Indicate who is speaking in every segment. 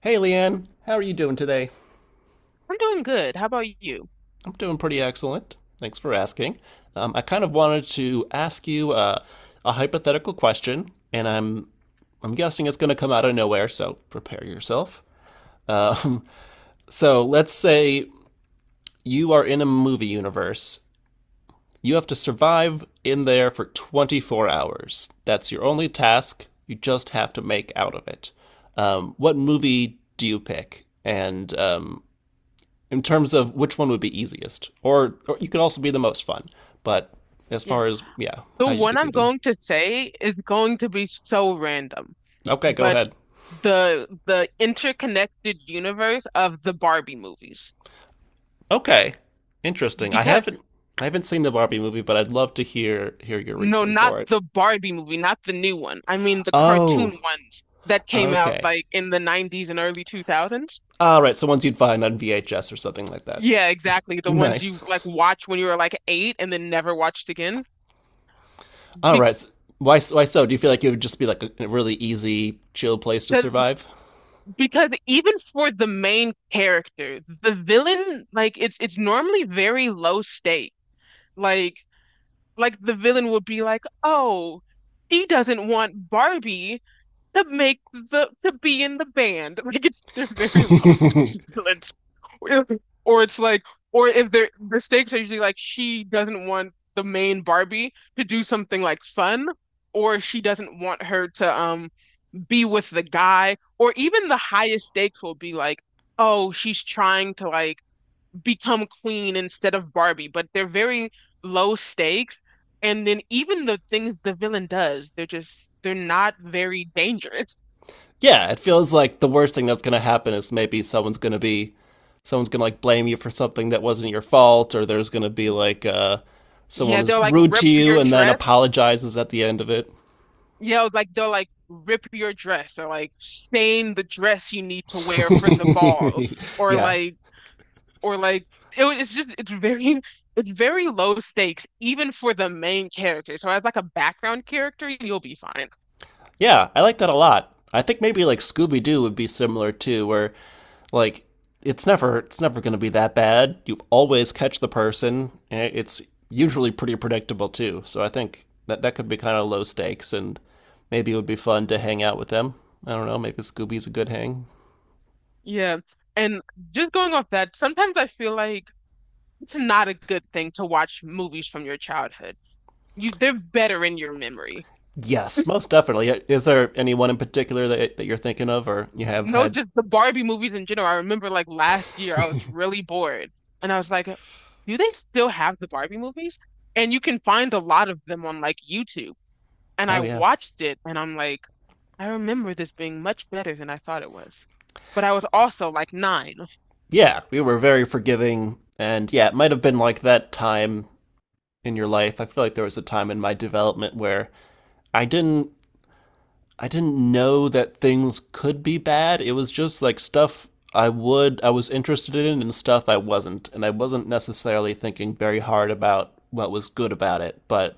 Speaker 1: Hey, Leanne, how are you doing today?
Speaker 2: I'm doing good. How about you?
Speaker 1: I'm doing pretty excellent. Thanks for asking. I kind of wanted to ask you a hypothetical question, and I'm guessing it's going to come out of nowhere, so prepare yourself. Um, so let's say you are in a movie universe. You have to survive in there for 24 hours. That's your only task. You just have to make out of it. What movie do you pick, and in terms of which one would be easiest, or you could also be the most fun. But as
Speaker 2: Yeah.
Speaker 1: far as yeah,
Speaker 2: The
Speaker 1: how you
Speaker 2: one
Speaker 1: get through
Speaker 2: I'm
Speaker 1: them.
Speaker 2: going to say is going to be so random,
Speaker 1: Okay, go
Speaker 2: but
Speaker 1: ahead.
Speaker 2: the interconnected universe of the Barbie movies.
Speaker 1: Okay, interesting. I
Speaker 2: Because
Speaker 1: haven't I haven't seen the Barbie movie, but I'd love to hear your
Speaker 2: No,
Speaker 1: reasoning
Speaker 2: not
Speaker 1: for it.
Speaker 2: the Barbie movie, not the new one. I mean the cartoon
Speaker 1: Oh,
Speaker 2: ones that came out
Speaker 1: okay.
Speaker 2: like in the 90s and early 2000s.
Speaker 1: All right, so ones you'd find on VHS or something like that.
Speaker 2: Yeah, exactly. The ones you
Speaker 1: Nice.
Speaker 2: like watch when you were like eight and then never watched again.
Speaker 1: All right. Why so? Do you feel like it would just be like a really easy, chill place to
Speaker 2: Because
Speaker 1: survive?
Speaker 2: Because even for the main character, the villain, like it's normally very low stake. Like like the villain would be like, "Oh, he doesn't want Barbie to make the to be in the band." Like it's they're very low stakes villains. Or, or it's like, or if they're the stakes are usually like she doesn't want the main Barbie to do something like fun, or she doesn't want her to be with the guy, or even the highest stakes will be like, oh, she's trying to like become queen instead of Barbie, but they're very low stakes. And then even the things the villain does, they're just they're not very dangerous.
Speaker 1: yeah, it feels like the worst thing that's going to happen is maybe someone's going to like blame you for something that wasn't your fault, or there's going to be like someone
Speaker 2: Yeah,
Speaker 1: is
Speaker 2: they'll like
Speaker 1: rude
Speaker 2: rip
Speaker 1: to you
Speaker 2: your
Speaker 1: and then
Speaker 2: dress.
Speaker 1: apologizes at the end of it.
Speaker 2: Yeah, like they'll like rip your dress or like stain the dress you need to wear for the ball or
Speaker 1: yeah,
Speaker 2: like or like it's just it's very low stakes even for the main character. So as like a background character, you'll be fine.
Speaker 1: yeah, I like that a lot. I think maybe like Scooby Doo would be similar too, where like it's never going to be that bad. You always catch the person. And it's usually pretty predictable too. So I think that that could be kind of low stakes, and maybe it would be fun to hang out with them. I don't know. Maybe Scooby's a good hang.
Speaker 2: Yeah. And just going off that, sometimes I feel like it's not a good thing to watch movies from your childhood. You they're better in your memory.
Speaker 1: Yes, most definitely. Yeah, is there anyone in particular that you're thinking of, or you have
Speaker 2: No,
Speaker 1: had?
Speaker 2: just the Barbie movies in general. I remember like last year I was really bored and I was like, do they still have the Barbie movies? And you can find a lot of them on like YouTube. And
Speaker 1: oh
Speaker 2: I
Speaker 1: yeah,
Speaker 2: watched it and I'm like, I remember this being much better than I thought it was. But I was also like nine.
Speaker 1: yeah. We were very forgiving, and yeah, it might have been like that time in your life. I feel like there was a time in my development where I didn't I didn't know that things could be bad. It was just like stuff I was interested in and stuff I wasn't, and I wasn't necessarily thinking very hard about what was good about it. But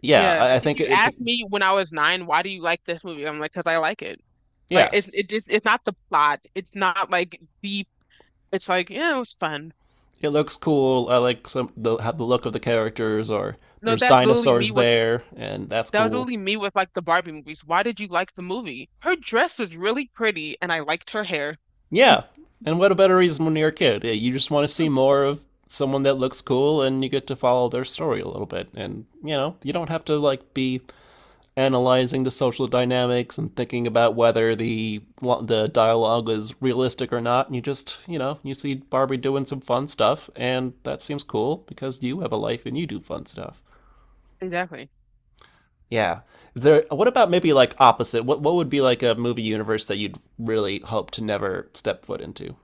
Speaker 1: yeah,
Speaker 2: Yeah,
Speaker 1: I
Speaker 2: like if
Speaker 1: think
Speaker 2: you
Speaker 1: it
Speaker 2: ask me when I was nine, why do you like this movie? I'm like, because I like it. Like
Speaker 1: yeah,
Speaker 2: it just it's not the plot. It's not like deep. It's like, yeah, it was fun.
Speaker 1: it looks cool. I like some the have the look of the characters, or
Speaker 2: No,
Speaker 1: there's
Speaker 2: that's literally me
Speaker 1: dinosaurs
Speaker 2: with
Speaker 1: there and that's
Speaker 2: That was
Speaker 1: cool.
Speaker 2: literally me with like the Barbie movies. Why did you like the movie? Her dress was really pretty and I liked her hair.
Speaker 1: Yeah. And what a better reason when you're a kid? Yeah, you just want to see more of someone that looks cool and you get to follow their story a little bit. And, you know, you don't have to like be analyzing the social dynamics and thinking about whether the dialogue is realistic or not. And you just, you know, you see Barbie doing some fun stuff and that seems cool because you have a life and you do fun stuff.
Speaker 2: Exactly.
Speaker 1: Yeah. There what about maybe like opposite? What would be like a movie universe that you'd really hope to never step foot into?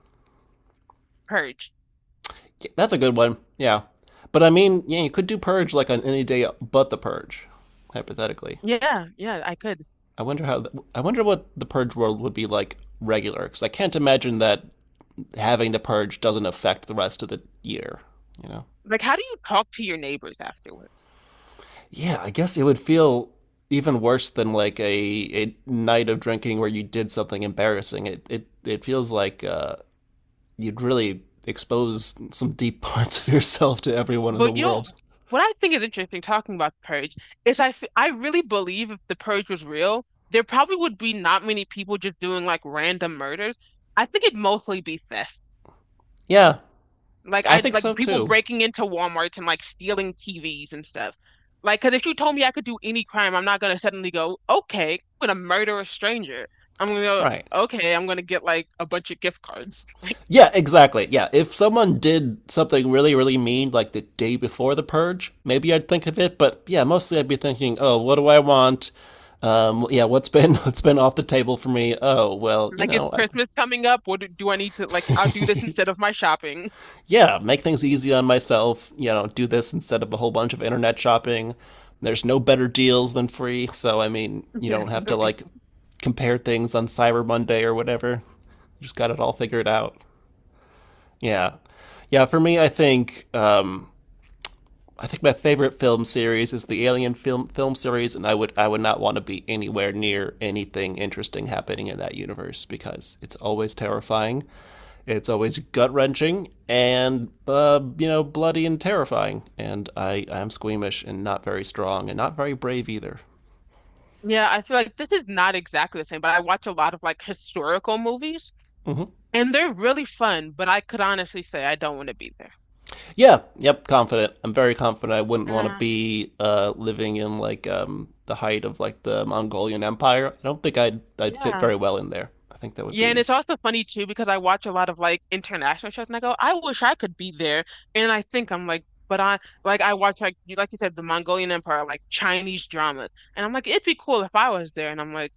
Speaker 2: Purge.
Speaker 1: Yeah, that's a good one. Yeah. But I mean, yeah, you could do Purge like on any day but the Purge, hypothetically.
Speaker 2: Yeah, yeah, I could.
Speaker 1: I wonder how. I wonder what the Purge world would be like regular, because I can't imagine that having the Purge doesn't affect the rest of the year. You know?
Speaker 2: Like, how do you talk to your neighbors afterwards?
Speaker 1: Yeah, I guess it would feel even worse than like a night of drinking where you did something embarrassing. It feels like you'd really expose some deep parts of yourself to everyone in the
Speaker 2: But you
Speaker 1: world.
Speaker 2: know what I think is interesting talking about the purge is I really believe if the purge was real, there probably would be not many people just doing like random murders. I think it'd mostly be theft.
Speaker 1: Yeah,
Speaker 2: Like
Speaker 1: I
Speaker 2: I
Speaker 1: think so
Speaker 2: like people
Speaker 1: too.
Speaker 2: breaking into Walmarts and like stealing TVs and stuff. Like, because if you told me I could do any crime, I'm not gonna suddenly go, okay, I'm gonna murder a stranger. I'm gonna go,
Speaker 1: Right.
Speaker 2: okay, I'm gonna get like a bunch of gift cards.
Speaker 1: Yeah, exactly. Yeah, if someone did something really, really mean like the day before the purge, maybe I'd think of it. But yeah, mostly I'd be thinking, oh, what do I want? Yeah, what's been what's been off the table for me? Oh, well, you
Speaker 2: Like it's
Speaker 1: know,
Speaker 2: Christmas coming up. Do I need to like? I'll do this
Speaker 1: I,
Speaker 2: instead of my shopping.
Speaker 1: yeah, make things easy on myself. You know, do this instead of a whole bunch of internet shopping. There's no better deals than free, so I mean, you
Speaker 2: Yeah,
Speaker 1: don't have to
Speaker 2: literally.
Speaker 1: like compare things on Cyber Monday or whatever. You just got it all figured out. Yeah. Yeah, for me, I think my favorite film series is the Alien film series, and I would not want to be anywhere near anything interesting happening in that universe because it's always terrifying, it's always gut wrenching, and you know, bloody and terrifying. And I'm squeamish and not very strong and not very brave either.
Speaker 2: Yeah, I feel like this is not exactly the same, but I watch a lot of like historical movies
Speaker 1: Hmm.
Speaker 2: and they're really fun, but I could honestly say I don't want to be there.
Speaker 1: Yeah, yep, confident. I'm very confident. I wouldn't want to
Speaker 2: Uh,
Speaker 1: be living in like the height of like the Mongolian Empire. I don't think I'd fit
Speaker 2: yeah.
Speaker 1: very well in there. I think that would
Speaker 2: Yeah, and
Speaker 1: be
Speaker 2: it's also funny too because I watch a lot of like international shows and I go, I wish I could be there. And I think I'm like, but I watch like you said the Mongolian Empire, like Chinese dramas. And I'm like, it'd be cool if I was there. And I'm like,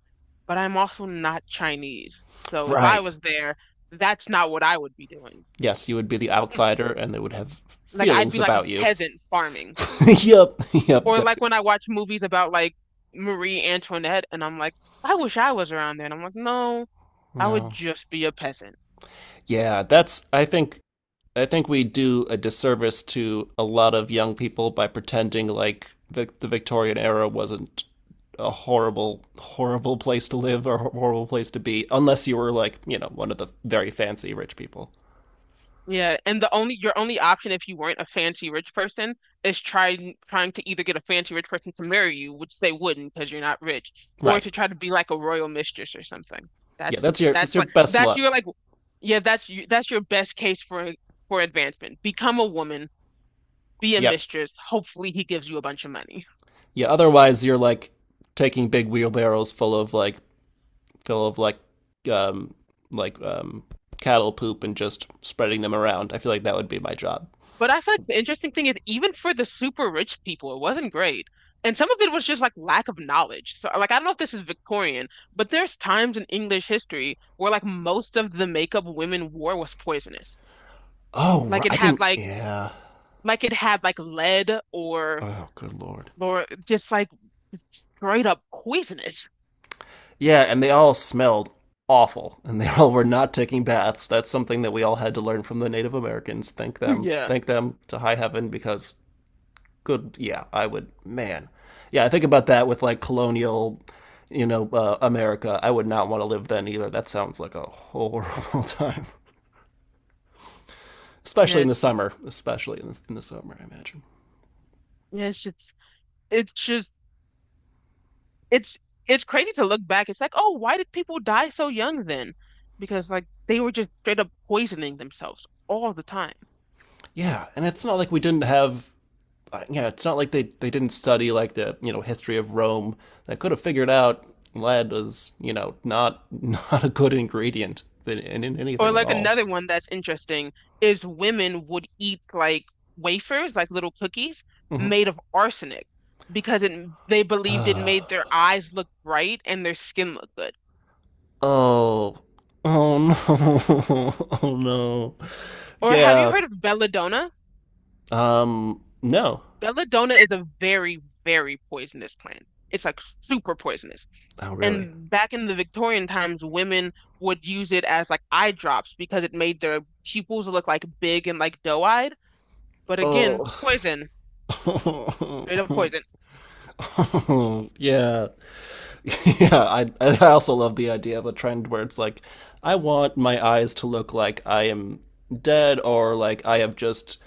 Speaker 2: but I'm also not Chinese. So if I
Speaker 1: right.
Speaker 2: was there, that's not what I would be doing.
Speaker 1: Yes, you would be the outsider and they would have
Speaker 2: Like I'd
Speaker 1: feelings
Speaker 2: be like a
Speaker 1: about you.
Speaker 2: peasant farming.
Speaker 1: yep, yep, yep,
Speaker 2: Or
Speaker 1: yep.
Speaker 2: like when I watch movies about like Marie Antoinette and I'm like, I wish I was around there. And I'm like, no, I would
Speaker 1: No.
Speaker 2: just be a peasant.
Speaker 1: Yeah, that's I think we do a disservice to a lot of young people by pretending like the Victorian era wasn't a horrible, horrible place to live or horrible place to be, unless you were like, you know, one of the very fancy rich people.
Speaker 2: Yeah. And the only your only option if you weren't a fancy rich person is trying to either get a fancy rich person to marry you, which they wouldn't because you're not rich, or
Speaker 1: Right.
Speaker 2: to try to be like a royal mistress or something.
Speaker 1: Yeah, that's your that's
Speaker 2: That's
Speaker 1: your
Speaker 2: like
Speaker 1: best
Speaker 2: that's
Speaker 1: luck.
Speaker 2: your like yeah, that's you that's your best case for advancement. Become a woman, be a
Speaker 1: Yep.
Speaker 2: mistress. Hopefully he gives you a bunch of money.
Speaker 1: Yeah. Otherwise you're like taking big wheelbarrows full of like um like um cattle poop and just spreading them around. I feel like that would be my job.
Speaker 2: But I feel like the interesting thing is even for the super rich people, it wasn't great. And some of it was just like lack of knowledge. So like I don't know if this is Victorian, but there's times in English history where like most of the makeup women wore was poisonous.
Speaker 1: Oh,
Speaker 2: Like it
Speaker 1: I
Speaker 2: had
Speaker 1: didn't.
Speaker 2: like
Speaker 1: Yeah.
Speaker 2: it had like lead or
Speaker 1: Oh, good lord.
Speaker 2: just like straight up poisonous.
Speaker 1: Yeah, and they all smelled awful, and they all were not taking baths. That's something that we all had to learn from the Native Americans. Thank them.
Speaker 2: Yeah.
Speaker 1: Thank them to high heaven because good. Yeah, I would. Man. Yeah, I think about that with like colonial, you know, America. I would not want to live then either. That sounds like a horrible time. Especially
Speaker 2: Yeah.
Speaker 1: in the summer, especially in the summer, I imagine.
Speaker 2: Yeah, it's just it's just it's it's crazy to look back. It's like, oh, why did people die so young then? Because like they were just straight up poisoning themselves all the time.
Speaker 1: Yeah, and it's not like we didn't have. Yeah, it's not like they didn't study like the you know, history of Rome. They could have figured out lead was, you know, not not a good ingredient in, in
Speaker 2: Or
Speaker 1: anything at
Speaker 2: like
Speaker 1: all.
Speaker 2: another one that's interesting is women would eat like wafers, like little cookies
Speaker 1: Hmm.
Speaker 2: made of arsenic because it they believed it made their
Speaker 1: oh,
Speaker 2: eyes look bright and their skin look good.
Speaker 1: oh no, oh no,
Speaker 2: Or have you
Speaker 1: yeah.
Speaker 2: heard of belladonna?
Speaker 1: No.
Speaker 2: Belladonna is a very, very poisonous plant. It's like super poisonous.
Speaker 1: Oh really?
Speaker 2: And back in the Victorian times, women would use it as like eye drops because it made their pupils look like big and like doe-eyed. But again,
Speaker 1: Oh,
Speaker 2: poison, straight up poison.
Speaker 1: yeah. yeah, I also love the idea of a trend where it's like, I want my eyes to look like I am dead, or like I have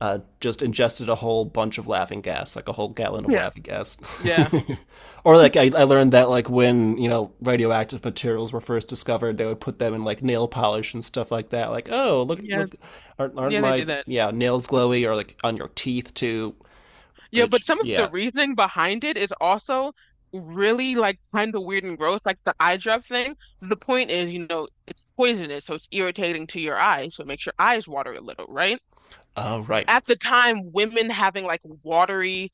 Speaker 1: just ingested a whole bunch of laughing gas, like a whole gallon of
Speaker 2: Yeah.
Speaker 1: laughing gas.
Speaker 2: Yeah.
Speaker 1: or like I learned that like when, you know, radioactive materials were first discovered, they would put them in like nail polish and stuff like that. Like oh look
Speaker 2: Yeah.
Speaker 1: look, aren't
Speaker 2: Yeah, they
Speaker 1: my
Speaker 2: did that.
Speaker 1: yeah nails glowy or like on your teeth too?
Speaker 2: Yeah, but
Speaker 1: Which
Speaker 2: some of the
Speaker 1: yeah
Speaker 2: reasoning behind it is also really like kind of weird and gross, like the eye drop thing. The point is, you know, it's poisonous, so it's irritating to your eyes, so it makes your eyes water a little, right?
Speaker 1: oh right.
Speaker 2: At the time, women having like watery,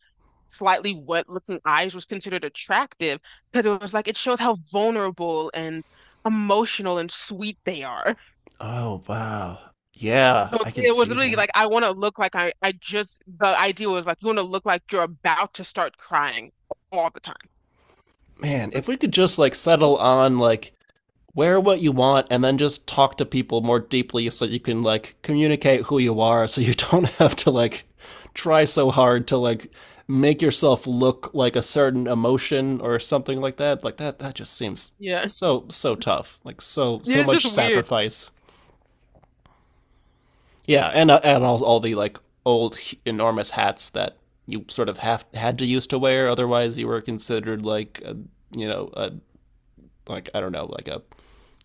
Speaker 2: slightly wet looking eyes was considered attractive because it was like it shows how vulnerable and emotional and sweet they are.
Speaker 1: Oh wow. Yeah,
Speaker 2: So
Speaker 1: I can
Speaker 2: it was
Speaker 1: see
Speaker 2: literally
Speaker 1: that.
Speaker 2: like I want to look like I just the idea was like you want to look like you're about to start crying all the time.
Speaker 1: Man, if we could just like settle on like wear what you want and then just talk to people more deeply so you can like communicate who you are so you don't have to like try so hard to like make yourself look like a certain emotion or something like that. Like that that just seems
Speaker 2: Yeah.
Speaker 1: so so tough. Like so so
Speaker 2: It's
Speaker 1: much
Speaker 2: just weird,
Speaker 1: sacrifice. Yeah, and all the like old enormous hats that you sort of have had to used to wear, otherwise you were considered like a, you know a like I don't know like a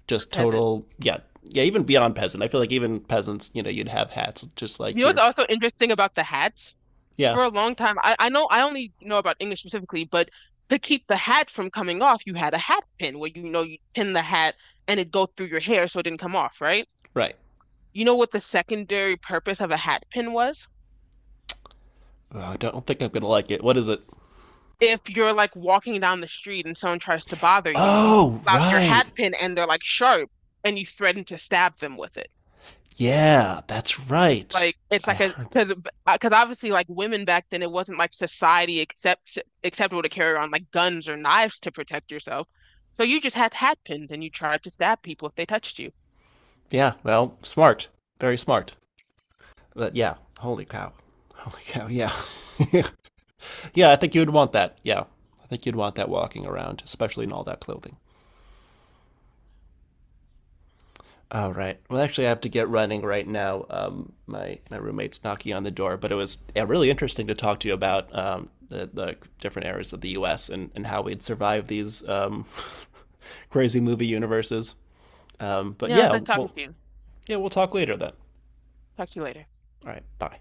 Speaker 1: just
Speaker 2: peasant.
Speaker 1: total yeah yeah even beyond peasant. I feel like even peasants, you know, you'd have hats just
Speaker 2: You
Speaker 1: like
Speaker 2: know
Speaker 1: your
Speaker 2: what's also interesting about the hats?
Speaker 1: yeah
Speaker 2: For a long time, I know I only know about English specifically, but to keep the hat from coming off, you had a hat pin where you know you pin the hat and it go through your hair so it didn't come off, right?
Speaker 1: right.
Speaker 2: You know what the secondary purpose of a hat pin was?
Speaker 1: Oh, I don't think I'm gonna like it. What is it?
Speaker 2: If you're like walking down the street and someone tries to bother you, you
Speaker 1: Oh
Speaker 2: pull out your
Speaker 1: right,
Speaker 2: hat pin and they're like sharp and you threaten to stab them with it.
Speaker 1: yeah that's right.
Speaker 2: It's
Speaker 1: I
Speaker 2: like a
Speaker 1: heard that.
Speaker 2: because obviously like women back then it wasn't like society acceptable to carry on like guns or knives to protect yourself. So you just had hat pins and you tried to stab people if they touched you.
Speaker 1: Yeah, well smart, very smart. But yeah, holy cow, yeah. Yeah, I think you would want that. Yeah, I think you'd want that walking around, especially in all that clothing. All right. Well, actually, I have to get running right now. My roommate's knocking on the door, but it was yeah, really interesting to talk to you about the different areas of the U.S. And how we'd survive these crazy movie universes. But
Speaker 2: You know, it's
Speaker 1: yeah,
Speaker 2: not talking
Speaker 1: well,
Speaker 2: to you.
Speaker 1: yeah, we'll talk later then.
Speaker 2: Talk to you later.
Speaker 1: All right. Bye.